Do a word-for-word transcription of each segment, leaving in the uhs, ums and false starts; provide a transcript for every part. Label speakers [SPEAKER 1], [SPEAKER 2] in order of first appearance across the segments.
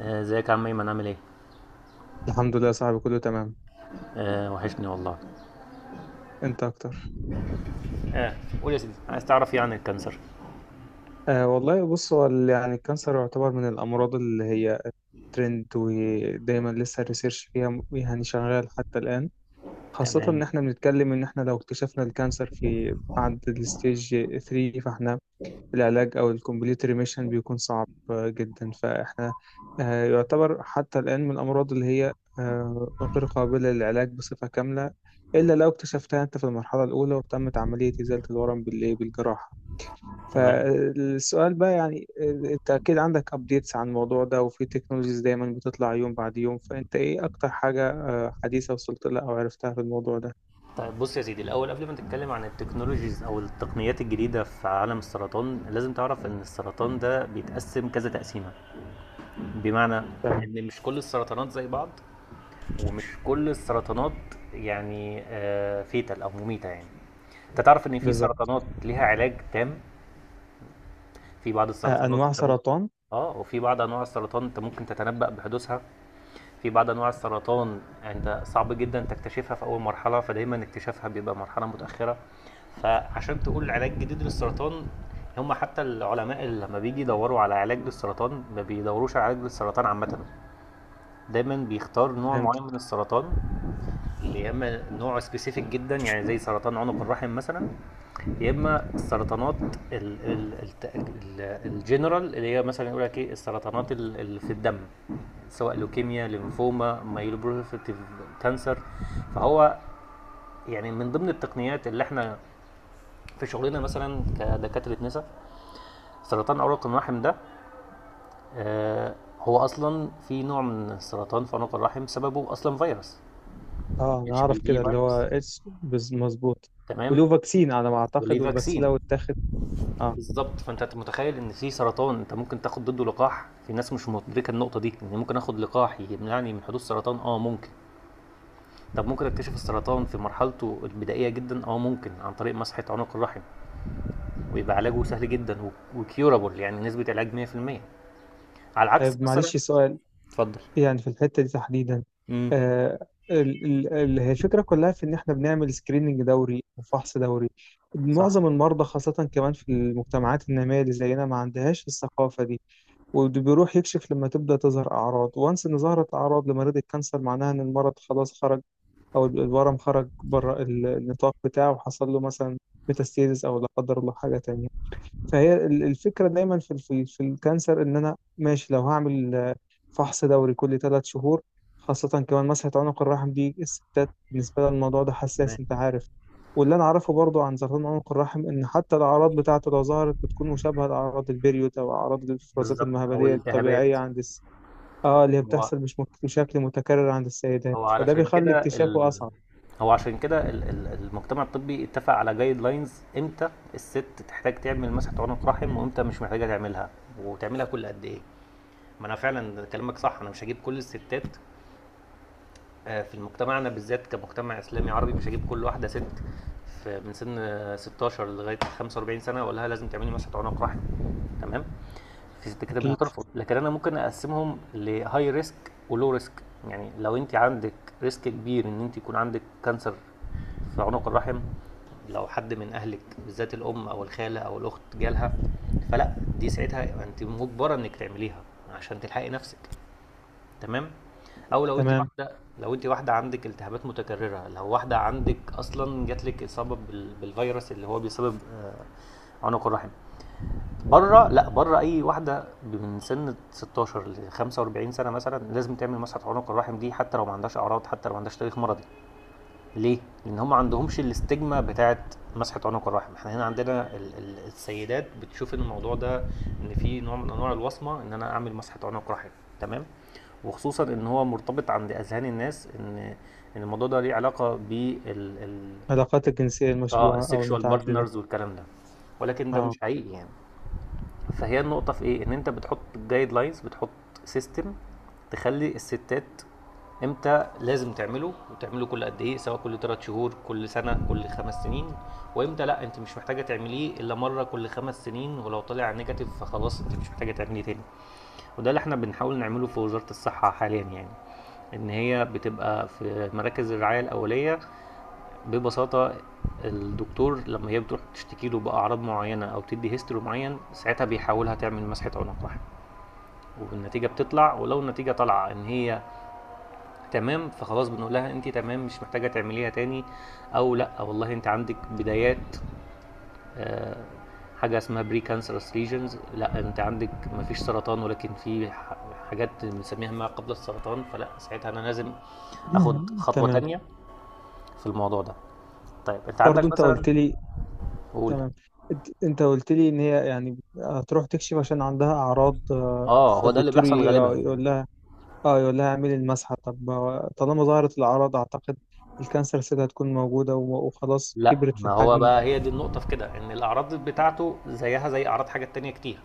[SPEAKER 1] آه، ازيك يا عم ايمن عامل ايه؟
[SPEAKER 2] الحمد لله يا صاحبي، كله تمام.
[SPEAKER 1] آه وحشني والله.
[SPEAKER 2] انت اكتر.
[SPEAKER 1] اه. قول يا سيدي عايز تعرف ايه عن الكانسر؟
[SPEAKER 2] آه والله، بص، هو ال- يعني الكانسر يعتبر من الامراض اللي هي ترند، ودايما لسه الريسيرش فيها م- يعني شغال حتى الان. خاصة
[SPEAKER 1] تمام.
[SPEAKER 2] ان احنا بنتكلم ان احنا لو اكتشفنا الكانسر في بعد الستيج ثري، فاحنا العلاج او الكومبليت ريميشن بيكون صعب آه، جدا. فاحنا آه يعتبر حتى الان من الامراض اللي هي آه غير قابلة للعلاج بصفة كاملة، إلا لو اكتشفتها أنت في المرحلة الأولى وتمت عملية إزالة الورم بالإيه بالجراحة.
[SPEAKER 1] تمام.
[SPEAKER 2] فالسؤال بقى يعني، انت اكيد عندك ابديتس عن الموضوع ده، وفي تكنولوجيز دايما بتطلع يوم بعد يوم. فانت ايه اكتر حاجة آه، حديثة وصلت لها او عرفتها في الموضوع ده؟
[SPEAKER 1] طيب بص يا سيدي الاول قبل ما نتكلم عن التكنولوجيز او التقنيات الجديده في عالم السرطان لازم تعرف ان السرطان ده بيتقسم كذا تقسيمه. بمعنى
[SPEAKER 2] تمام.
[SPEAKER 1] ان مش كل السرطانات زي بعض، ومش كل السرطانات يعني آه فيتال او مميته يعني. انت تعرف ان في
[SPEAKER 2] بالظبط.
[SPEAKER 1] سرطانات ليها علاج تام، في بعض
[SPEAKER 2] آه،
[SPEAKER 1] السرطانات
[SPEAKER 2] انواع
[SPEAKER 1] انت ممكن.
[SPEAKER 2] سرطان.
[SPEAKER 1] اه، وفي بعض انواع السرطان انت ممكن تتنبأ بحدوثها. في بعض انواع السرطان يعني انت صعب جدا تكتشفها في اول مرحله فدايما اكتشافها بيبقى مرحله متاخره. فعشان تقول علاج جديد للسرطان، هم حتى العلماء اللي لما بيجي يدوروا على علاج للسرطان ما بيدوروش على علاج للسرطان عامه، دايما بيختار نوع معين
[SPEAKER 2] فهمت.
[SPEAKER 1] من السرطان. يا اما نوع سبيسيفيك جدا يعني زي سرطان عنق الرحم مثلا، يا اما السرطانات ال- ال- الت- ال- الجنرال اللي هي مثلا يقول لك ايه السرطانات ال- اللي في الدم، سواء لوكيميا، ليمفوما، مايلوبروفيتيف كانسر. فهو يعني من ضمن التقنيات اللي احنا في شغلنا مثلا كدكاتره نساء، سرطان عنق الرحم ده، آه، هو اصلا في نوع من السرطان في عنق الرحم سببه اصلا فيروس.
[SPEAKER 2] اه، انا
[SPEAKER 1] اتش بي
[SPEAKER 2] اعرف
[SPEAKER 1] في
[SPEAKER 2] كده اللي هو
[SPEAKER 1] فيروس.
[SPEAKER 2] اتش. مظبوط. وله
[SPEAKER 1] تمام.
[SPEAKER 2] فاكسين على ما
[SPEAKER 1] وليه
[SPEAKER 2] اعتقد، والفاكسين لو
[SPEAKER 1] فاكسين.
[SPEAKER 2] اتاخد. اه.
[SPEAKER 1] بالظبط، فانت متخيل ان في سرطان انت ممكن تاخد ضده لقاح. في ناس مش مدركه النقطه دي، ان ممكن اخد لقاح يمنعني من حدوث سرطان. اه ممكن. طب ممكن اكتشف السرطان في مرحلته البدائيه جدا، اه ممكن عن طريق مسحه عنق الرحم، ويبقى علاجه سهل جدا وكيورابل يعني نسبه علاج مية في المية. على العكس
[SPEAKER 2] طيب،
[SPEAKER 1] مثلا.
[SPEAKER 2] معلش سؤال.
[SPEAKER 1] اتفضل.
[SPEAKER 2] يعني في الحتة دي تحديدا،
[SPEAKER 1] امم.
[SPEAKER 2] آه ال- ال- ال- هي الفكرة كلها في إن إحنا بنعمل سكريننج دوري وفحص دوري.
[SPEAKER 1] صح.
[SPEAKER 2] معظم المرضى، خاصة كمان في المجتمعات النامية اللي زينا، ما عندهاش الثقافة دي، وبيروح يكشف لما تبدأ تظهر أعراض. وانس إن ظهرت أعراض لمريض الكانسر معناها إن المرض خلاص خرج، أو الورم خرج بره ال- النطاق بتاعه، وحصل له مثلا ميتاستيزس أو لا قدر الله حاجة تانية. فهي ال- الفكرة دايما في في في الكانسر ان انا ماشي لو هعمل آه، فحص دوري كل ثلاث شهور. خاصة كمان مسحة عنق الرحم دي، الستات بالنسبة لها الموضوع ده حساس، انت عارف. واللي انا اعرفه برضو عن سرطان عنق الرحم ان حتى الاعراض بتاعته لو ظهرت بتكون مشابهة لاعراض البريود او اعراض الافرازات
[SPEAKER 1] بالظبط، او
[SPEAKER 2] المهبلية الطبيعية
[SPEAKER 1] الالتهابات.
[SPEAKER 2] عند الس... اه، اللي هي
[SPEAKER 1] هو.
[SPEAKER 2] بتحصل مش مك- بشكل متكرر عند السيدات،
[SPEAKER 1] هو
[SPEAKER 2] فده
[SPEAKER 1] علشان
[SPEAKER 2] بيخلي
[SPEAKER 1] كده
[SPEAKER 2] اكتشافه
[SPEAKER 1] ال...
[SPEAKER 2] اصعب.
[SPEAKER 1] هو عشان كده ال- ال- المجتمع الطبي اتفق على جايد لاينز، امتى الست تحتاج تعمل مسحة عنق رحم، وامتى مش محتاجة تعملها، وتعملها كل قد ايه. ما انا فعلا كلامك صح، انا مش هجيب كل الستات، آه، في مجتمعنا بالذات كمجتمع اسلامي عربي مش هجيب كل واحدة ست في من سن آه، ستاشر لغاية خمسة واربعين سنة واقول لها لازم تعملي مسحة عنق رحم. تمام. انت كده مش
[SPEAKER 2] اكيد.
[SPEAKER 1] هترفض، لكن انا ممكن اقسمهم لهاي ريسك ولو ريسك. يعني لو انت عندك ريسك كبير ان انت يكون عندك كانسر في عنق الرحم، لو حد من اهلك بالذات الام او الخاله او الاخت جالها، فلا دي ساعتها انت مجبره انك تعمليها عشان تلحقي نفسك. تمام. او لو انت
[SPEAKER 2] تمام.
[SPEAKER 1] واحده، لو انت واحده عندك التهابات متكرره، لو واحده عندك اصلا جاتلك اصابه بال- بالفيروس اللي هو بيسبب آه، عنق الرحم. بره، لا بره، اي واحده من سن ستة عشر ل خمسة واربعين سنه مثلا لازم تعمل مسحه عنق الرحم دي، حتى لو ما عندهاش اعراض، حتى لو ما عندهاش تاريخ مرضي. ليه؟ لان هم ما عندهمش الاستجمه بتاعه مسحه عنق الرحم. احنا هنا عندنا ال- ال- السيدات بتشوف ان الموضوع ده، ان في نوع من انواع الوصمه، ان انا اعمل مسحه عنق رحم. تمام. وخصوصا ان هو مرتبط عند اذهان الناس ان ان الموضوع ده ليه علاقه بال ال...
[SPEAKER 2] العلاقات الجنسية
[SPEAKER 1] اه،
[SPEAKER 2] المشبوهة او
[SPEAKER 1] السكشوال
[SPEAKER 2] المتعددة.
[SPEAKER 1] بارتنرز والكلام ده، ولكن ده
[SPEAKER 2] اه.
[SPEAKER 1] مش حقيقي يعني. فهي النقطة في ايه؟ ان انت بتحط جايد لاينز، بتحط سيستم تخلي الستات امتى لازم تعمله، وتعمله كل قد ايه، سواء كل ثلاث شهور، كل سنة، كل خمس سنين، وامتى لا انت مش محتاجة تعمليه الا مرة كل خمس سنين، ولو طلع نيجاتيف فخلاص انت مش محتاجة تعمليه تاني. وده اللي احنا بنحاول نعمله في وزارة الصحة حاليا يعني، ان هي بتبقى في مراكز الرعايه الاوليه ببساطة. الدكتور لما هي بتروح تشتكي له بأعراض معينة أو تدي هيستوري معين ساعتها بيحاولها تعمل مسحة عنق رحم، والنتيجة بتطلع، ولو النتيجة طالعة إن هي تمام فخلاص بنقول لها أنت تمام مش محتاجة تعمليها تاني. أو لأ والله أنت عندك بدايات، آه، حاجة اسمها بري كانسرس ليجنز. لأ أنت عندك مفيش سرطان، ولكن في ح- حاجات بنسميها ما قبل السرطان، فلأ ساعتها أنا لازم أخد خطوة
[SPEAKER 2] تمام.
[SPEAKER 1] تانية في الموضوع ده. طيب أنت
[SPEAKER 2] برضو
[SPEAKER 1] عندك
[SPEAKER 2] انت
[SPEAKER 1] مثلا.
[SPEAKER 2] قلت لي.
[SPEAKER 1] قول.
[SPEAKER 2] تمام. انت انت قلت لي ان هي يعني هتروح تكشف عشان عندها اعراض، آه،
[SPEAKER 1] اه هو ده اللي
[SPEAKER 2] فالدكتور ي-
[SPEAKER 1] بيحصل غالبا.
[SPEAKER 2] يقول لها. اه، يقول لها اعملي المسحه. طب ما- طالما ظهرت الاعراض، اعتقد الكانسر سيل هتكون موجوده و- وخلاص
[SPEAKER 1] لا
[SPEAKER 2] كبرت في
[SPEAKER 1] ما هو
[SPEAKER 2] الحجم.
[SPEAKER 1] بقى، هي دي النقطة في كده، ان الاعراض بتاعته زيها زي اعراض حاجات تانية كتير.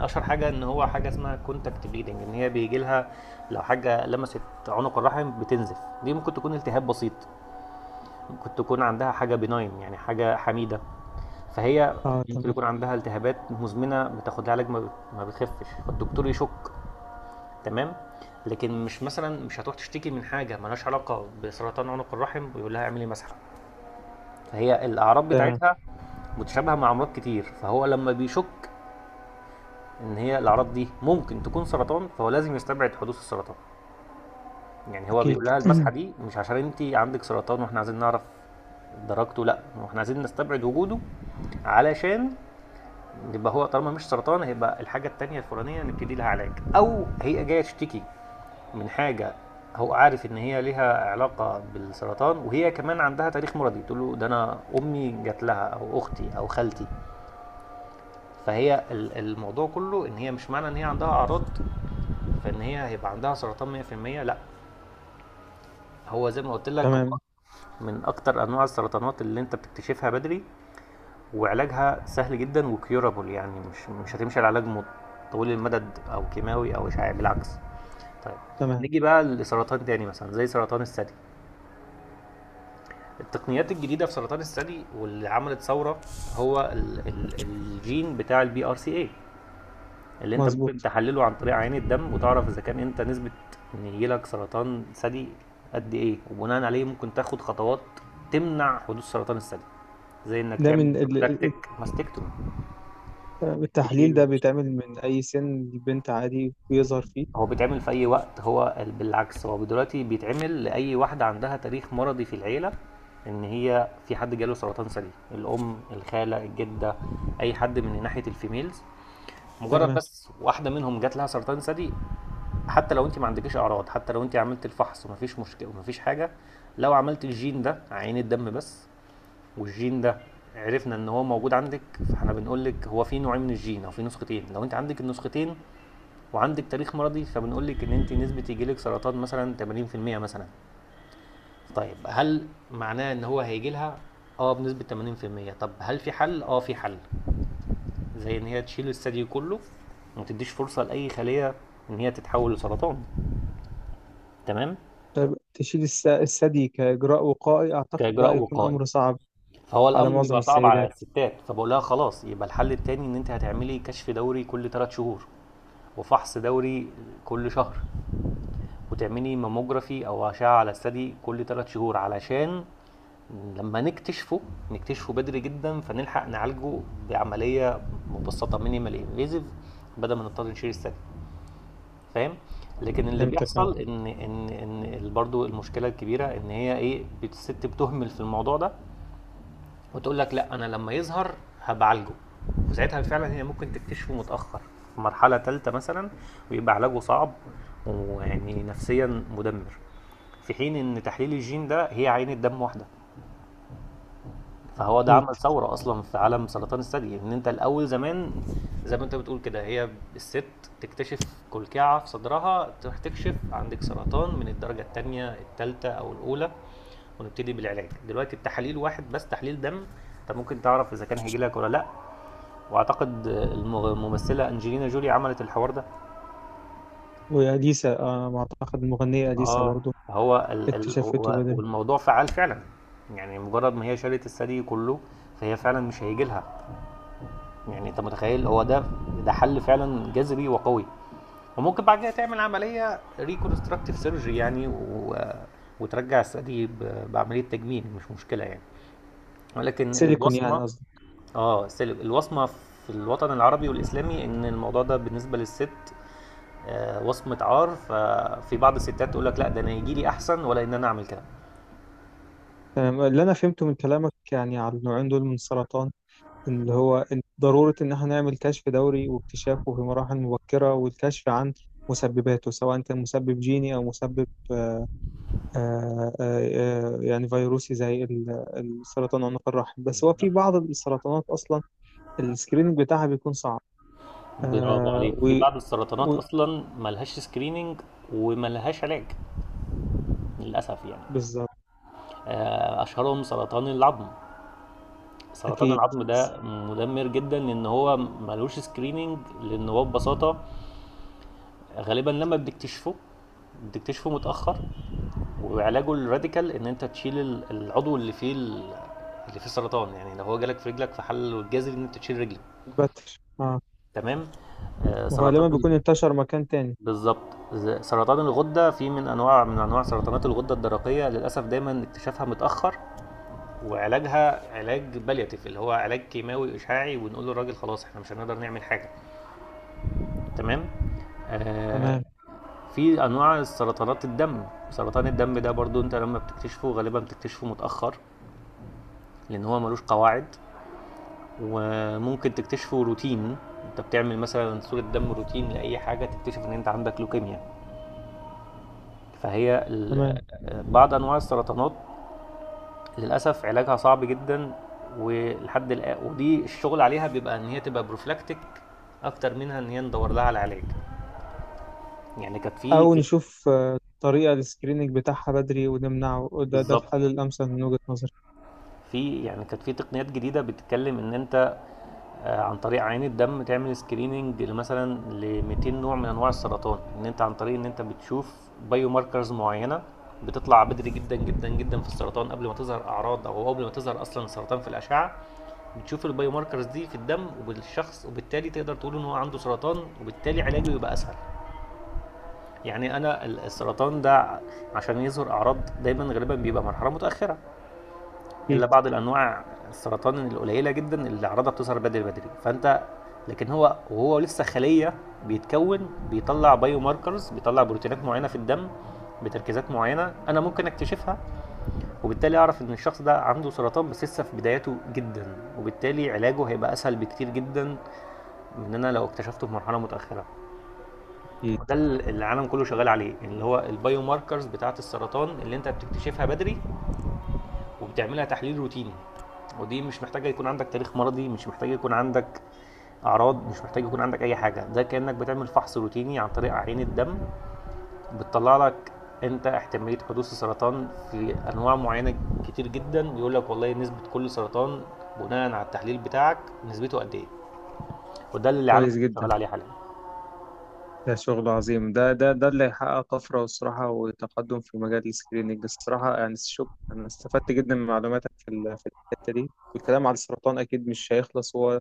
[SPEAKER 1] اشهر حاجة ان هو حاجة اسمها كونتاكت بليدنج، ان هي بيجي لها لو حاجة لمست عنق الرحم بتنزف. دي ممكن تكون التهاب بسيط، ممكن تكون عندها حاجة بناين يعني حاجة حميدة. فهي
[SPEAKER 2] اه،
[SPEAKER 1] ممكن
[SPEAKER 2] تمام.
[SPEAKER 1] يكون عندها التهابات مزمنة بتاخد لها علاج ما بت- ما بتخفش فالدكتور يشك. تمام. لكن مش مثلا مش هتروح تشتكي من حاجة ملهاش علاقة بسرطان عنق الرحم ويقول لها اعملي مسحة. فهي الأعراض
[SPEAKER 2] تمام.
[SPEAKER 1] بتاعتها متشابهة مع أمراض كتير، فهو لما بيشك إن هي الأعراض دي ممكن تكون سرطان فهو لازم يستبعد حدوث السرطان. يعني هو
[SPEAKER 2] اكيد.
[SPEAKER 1] بيقول لها المسحة دي مش عشان أنت عندك سرطان وإحنا عايزين نعرف درجته، لأ وإحنا عايزين نستبعد وجوده علشان يبقى هو طالما مش سرطان هيبقى الحاجة التانية الفلانية نبتدي لها علاج. أو هي جاية تشتكي من حاجة هو عارف ان هي ليها علاقه بالسرطان، وهي كمان عندها تاريخ مرضي تقول له ده انا امي جات لها او اختي او خالتي. فهي ال- الموضوع كله ان هي مش معنى ان هي عندها اعراض فان هي هيبقى عندها سرطان مئة في المئة، لا. هو زي ما قلت لك، هو
[SPEAKER 2] تمام.
[SPEAKER 1] من اكتر انواع السرطانات اللي انت بتكتشفها بدري وعلاجها سهل جدا وكيورابل، يعني مش مش هتمشي على علاج مت- طويل المدد او كيماوي او اشعاعي، بالعكس. طيب،
[SPEAKER 2] تمام.
[SPEAKER 1] نيجي بقى لسرطان تاني مثلا زي سرطان الثدي. التقنيات الجديده في سرطان الثدي واللي عملت ثوره هو ال ال الجين بتاع البي ار سي اي، اللي انت ممكن
[SPEAKER 2] مظبوط.
[SPEAKER 1] تحلله عن طريق عينة الدم وتعرف اذا كان انت نسبة ان يجيلك سرطان ثدي قد ايه، وبناء عليه ممكن تاخد خطوات تمنع حدوث سرطان الثدي، زي انك
[SPEAKER 2] ده
[SPEAKER 1] تعمل
[SPEAKER 2] من ال-
[SPEAKER 1] بروفلاكتيك
[SPEAKER 2] ال-
[SPEAKER 1] ماستكتومي.
[SPEAKER 2] التحليل ده
[SPEAKER 1] تشيل
[SPEAKER 2] بيتعمل من اي سن البنت؟ عادي بيظهر فيه؟
[SPEAKER 1] هو بيتعمل في اي وقت، هو ال- بالعكس هو دلوقتي بيتعمل لاي واحده عندها تاريخ مرضي في العيله، ان هي في حد جاله سرطان ثدي، الام، الخاله، الجده، اي حد من ناحيه الفيميلز. مجرد
[SPEAKER 2] تمام.
[SPEAKER 1] بس واحده منهم جات لها سرطان ثدي حتى لو انت ما عندكيش اعراض، حتى لو انت عملت الفحص ومفيش مشكله ومفيش حاجه، لو عملت الجين ده عين الدم بس، والجين ده عرفنا ان هو موجود عندك، فاحنا بنقول لك هو في نوعين من الجين او في نسختين. لو انت عندك النسختين وعندك تاريخ مرضي فبنقول لك ان انت نسبه يجي لك سرطان مثلا تمانين في المية مثلا. طيب هل معناه ان هو هيجي لها؟ اه، بنسبه تمانين في المية. طب هل في حل؟ اه في حل، زي ان هي تشيل الثدي كله وما تديش فرصه لاي خليه ان هي تتحول لسرطان. تمام.
[SPEAKER 2] تشيل الس- الثدي كاجراء وقائي؟ اعتقد ده
[SPEAKER 1] كاجراء
[SPEAKER 2] هيكون
[SPEAKER 1] وقائي،
[SPEAKER 2] امر صعب
[SPEAKER 1] فهو
[SPEAKER 2] على
[SPEAKER 1] الامر
[SPEAKER 2] معظم
[SPEAKER 1] بيبقى صعب على
[SPEAKER 2] السيدات.
[SPEAKER 1] الستات، فبقول لها خلاص يبقى الحل التاني ان انت هتعملي كشف دوري كل ثلاث شهور وفحص دوري كل شهر، وتعملي ماموجرافي او اشعه على الثدي كل ثلاث شهور، علشان لما نكتشفه نكتشفه بدري جدا فنلحق نعالجه بعمليه مبسطه مينيمال انفيزيف، بدل ما نضطر نشيل الثدي. فاهم. لكن اللي
[SPEAKER 2] فهمتك، اه.
[SPEAKER 1] بيحصل ان ان ان برضه المشكله الكبيره ان هي ايه، الست بتهمل في الموضوع ده، وتقول لك لا انا لما يظهر هبعالجه، وساعتها فعلا هي ممكن تكتشفه متاخر في مرحله ثالثه مثلا، ويبقى علاجه صعب، ويعني نفسيا مدمر. في حين ان تحليل الجين ده هي عينة دم واحده. فهو ده
[SPEAKER 2] اكيد.
[SPEAKER 1] عمل ثوره اصلا في عالم سرطان الثدي، ان انت الاول زمان زي ما انت بتقول كده، هي الست تكتشف كلكعه في صدرها تروح تكشف عندك سرطان من الدرجه الثانيه، الثالثه او الاولى، ونبتدي بالعلاج. دلوقتي التحاليل واحد بس تحليل دم انت ممكن تعرف اذا كان هيجي لك ولا لا. واعتقد المغ- الممثله انجلينا جولي عملت الحوار ده.
[SPEAKER 2] واليسا، آه ما اعتقد المغنيه اليسا
[SPEAKER 1] اه.
[SPEAKER 2] برضو.
[SPEAKER 1] هو ال ال
[SPEAKER 2] اكتشفته
[SPEAKER 1] هو-
[SPEAKER 2] بدري.
[SPEAKER 1] والموضوع فعال فعلا. يعني مجرد ما هي شالت الثدي كله فهي فعلا مش هيجي لها، يعني انت متخيل، هو ده، ده حل فعلا جذري وقوي، وممكن بعد كده تعمل عمليه ريكونستراكتيف سيرجري يعني، و... وترجع الثدي ب- بعمليه تجميل مش مشكله يعني. ولكن
[SPEAKER 2] سيليكون يعني،
[SPEAKER 1] البصمه،
[SPEAKER 2] قصدي.
[SPEAKER 1] اه سلب الوصمة في الوطن العربي والإسلامي إن الموضوع ده بالنسبة للست آه، وصمة عار، ففي بعض الستات تقول لك لا ده أنا يجي لي أحسن ولا إن أنا أعمل كده.
[SPEAKER 2] تمام. اللي انا فهمته من كلامك يعني على النوعين دول من السرطان، إن اللي هو إن ضروره ان احنا نعمل كشف دوري واكتشافه في مراحل مبكره، والكشف عن مسبباته سواء كان مسبب جيني او مسبب آه، آه، آه، يعني فيروسي زي ال- السرطان عنق الرحم. بس هو في بعض السرطانات اصلا السكريننج بتاعها بيكون صعب.
[SPEAKER 1] برافو
[SPEAKER 2] آه،
[SPEAKER 1] عليك، في
[SPEAKER 2] و
[SPEAKER 1] بعض السرطانات
[SPEAKER 2] و-
[SPEAKER 1] أصلا ملهاش سكريننج وملهاش علاج، للأسف يعني.
[SPEAKER 2] بالظبط.
[SPEAKER 1] آه، أشهرهم سرطان العظم. سرطان
[SPEAKER 2] اكيد.
[SPEAKER 1] العظم ده مدمر جدا لأن هو ملوش سكريننج، لأن هو ببساطة غالبا لما بتكتشفه بتكتشفه متأخر، وعلاجه الراديكال ان انت تشيل ال- العضو اللي فيه ال- اللي فيه سرطان، يعني لو هو جالك في رجلك فحله الجذري ان انت تشيل رجلك.
[SPEAKER 2] البتر، اه.
[SPEAKER 1] تمام. آه، سرطان
[SPEAKER 2] وغالبا
[SPEAKER 1] ال-
[SPEAKER 2] بيكون انتشر مكان تاني.
[SPEAKER 1] بالظبط، ز- سرطان الغده. في من انواع من انواع سرطانات الغده الدرقيه للاسف دايما اكتشافها متاخر وعلاجها علاج بالياتيف اللي هو علاج كيماوي اشعاعي، ونقول للراجل خلاص احنا مش هنقدر نعمل حاجه. تمام. آه،
[SPEAKER 2] تمام.
[SPEAKER 1] في انواع سرطانات الدم. سرطان الدم ده برضو انت لما بتكتشفه غالبا بتكتشفه متاخر، لان هو ملوش قواعد، وممكن تكتشفه روتين. انت بتعمل مثلا صورة دم روتين لاي حاجة تكتشف ان انت عندك لوكيميا. فهي ال-
[SPEAKER 2] تمام.
[SPEAKER 1] آه، بعض انواع السرطانات للاسف علاجها صعب جدا. ولحد الآن ودي الشغل عليها بيبقى ان هي تبقى بروفلاكتيك اكتر منها ان هي ندور لها على علاج. يعني كانت في
[SPEAKER 2] او نشوف آه، طريقة للسكريننج بتاعها بدري ونمنعه. ده ده الحل
[SPEAKER 1] بالظبط.
[SPEAKER 2] الامثل من وجهة نظري.
[SPEAKER 1] في يعني كانت في تقنيات جديده بتتكلم ان انت آه، عن طريق عيان الدم تعمل سكريننج مثلا ل ميتين نوع من انواع السرطان. ان انت عن طريق ان انت بتشوف بايو ماركرز معينه بتطلع بدري جدا جدا جدا في السرطان قبل ما تظهر اعراض او قبل ما تظهر اصلا السرطان في الاشعه. بتشوف البايو ماركرز دي في الدم وبالشخص وبالتالي تقدر تقول ان هو عنده سرطان، وبالتالي علاجه يبقى اسهل. يعني انا السرطان ده عشان يظهر اعراض دايما غالبا بيبقى مرحله متاخره،
[SPEAKER 2] اكيد.
[SPEAKER 1] الا بعض الانواع السرطان القليله جدا اللي اعراضها بتظهر بدري بدري فانت. لكن هو وهو لسه خليه بيتكون بيطلع بايو ماركرز، بيطلع بروتينات معينه في الدم بتركيزات معينه انا ممكن اكتشفها، وبالتالي اعرف ان الشخص ده عنده سرطان بس لسه في بداياته جدا، وبالتالي علاجه هيبقى اسهل بكتير جدا من ان انا لو اكتشفته في مرحله متاخره.
[SPEAKER 2] أكيد.
[SPEAKER 1] ده اللي العالم كله شغال عليه، اللي هو البايو ماركرز بتاعه السرطان اللي انت بتكتشفها بدري، وبتعملها تحليل روتيني، ودي مش محتاجه يكون عندك تاريخ مرضي، مش محتاجه يكون عندك اعراض، مش محتاجه يكون عندك اي حاجه. ده كانك بتعمل فحص روتيني عن طريق عين الدم بتطلع لك انت احتماليه حدوث السرطان في انواع معينه كتير جدا. بيقول لك والله نسبه كل سرطان بناء على التحليل بتاعك نسبته قد ايه، وده اللي العالم
[SPEAKER 2] كويس
[SPEAKER 1] شغال
[SPEAKER 2] جدا.
[SPEAKER 1] عليه حاليا.
[SPEAKER 2] ده شغل عظيم. ده ده ده اللي هيحقق طفرة، والصراحة وتقدم في مجال السكريننج، الصراحة يعني. شوف، أنا استفدت جدا من معلوماتك في ال- في الحتة دي. والكلام على السرطان أكيد مش هيخلص، هو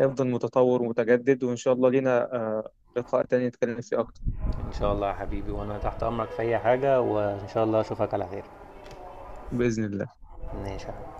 [SPEAKER 2] هيفضل متطور ومتجدد. وإن شاء الله لينا آه، لقاء تاني نتكلم فيه أكتر.
[SPEAKER 1] ان شاء الله يا حبيبي، وانا تحت امرك في اي حاجه، وان شاء الله اشوفك على خير.
[SPEAKER 2] بإذن الله.
[SPEAKER 1] ماشي يا حبيبي.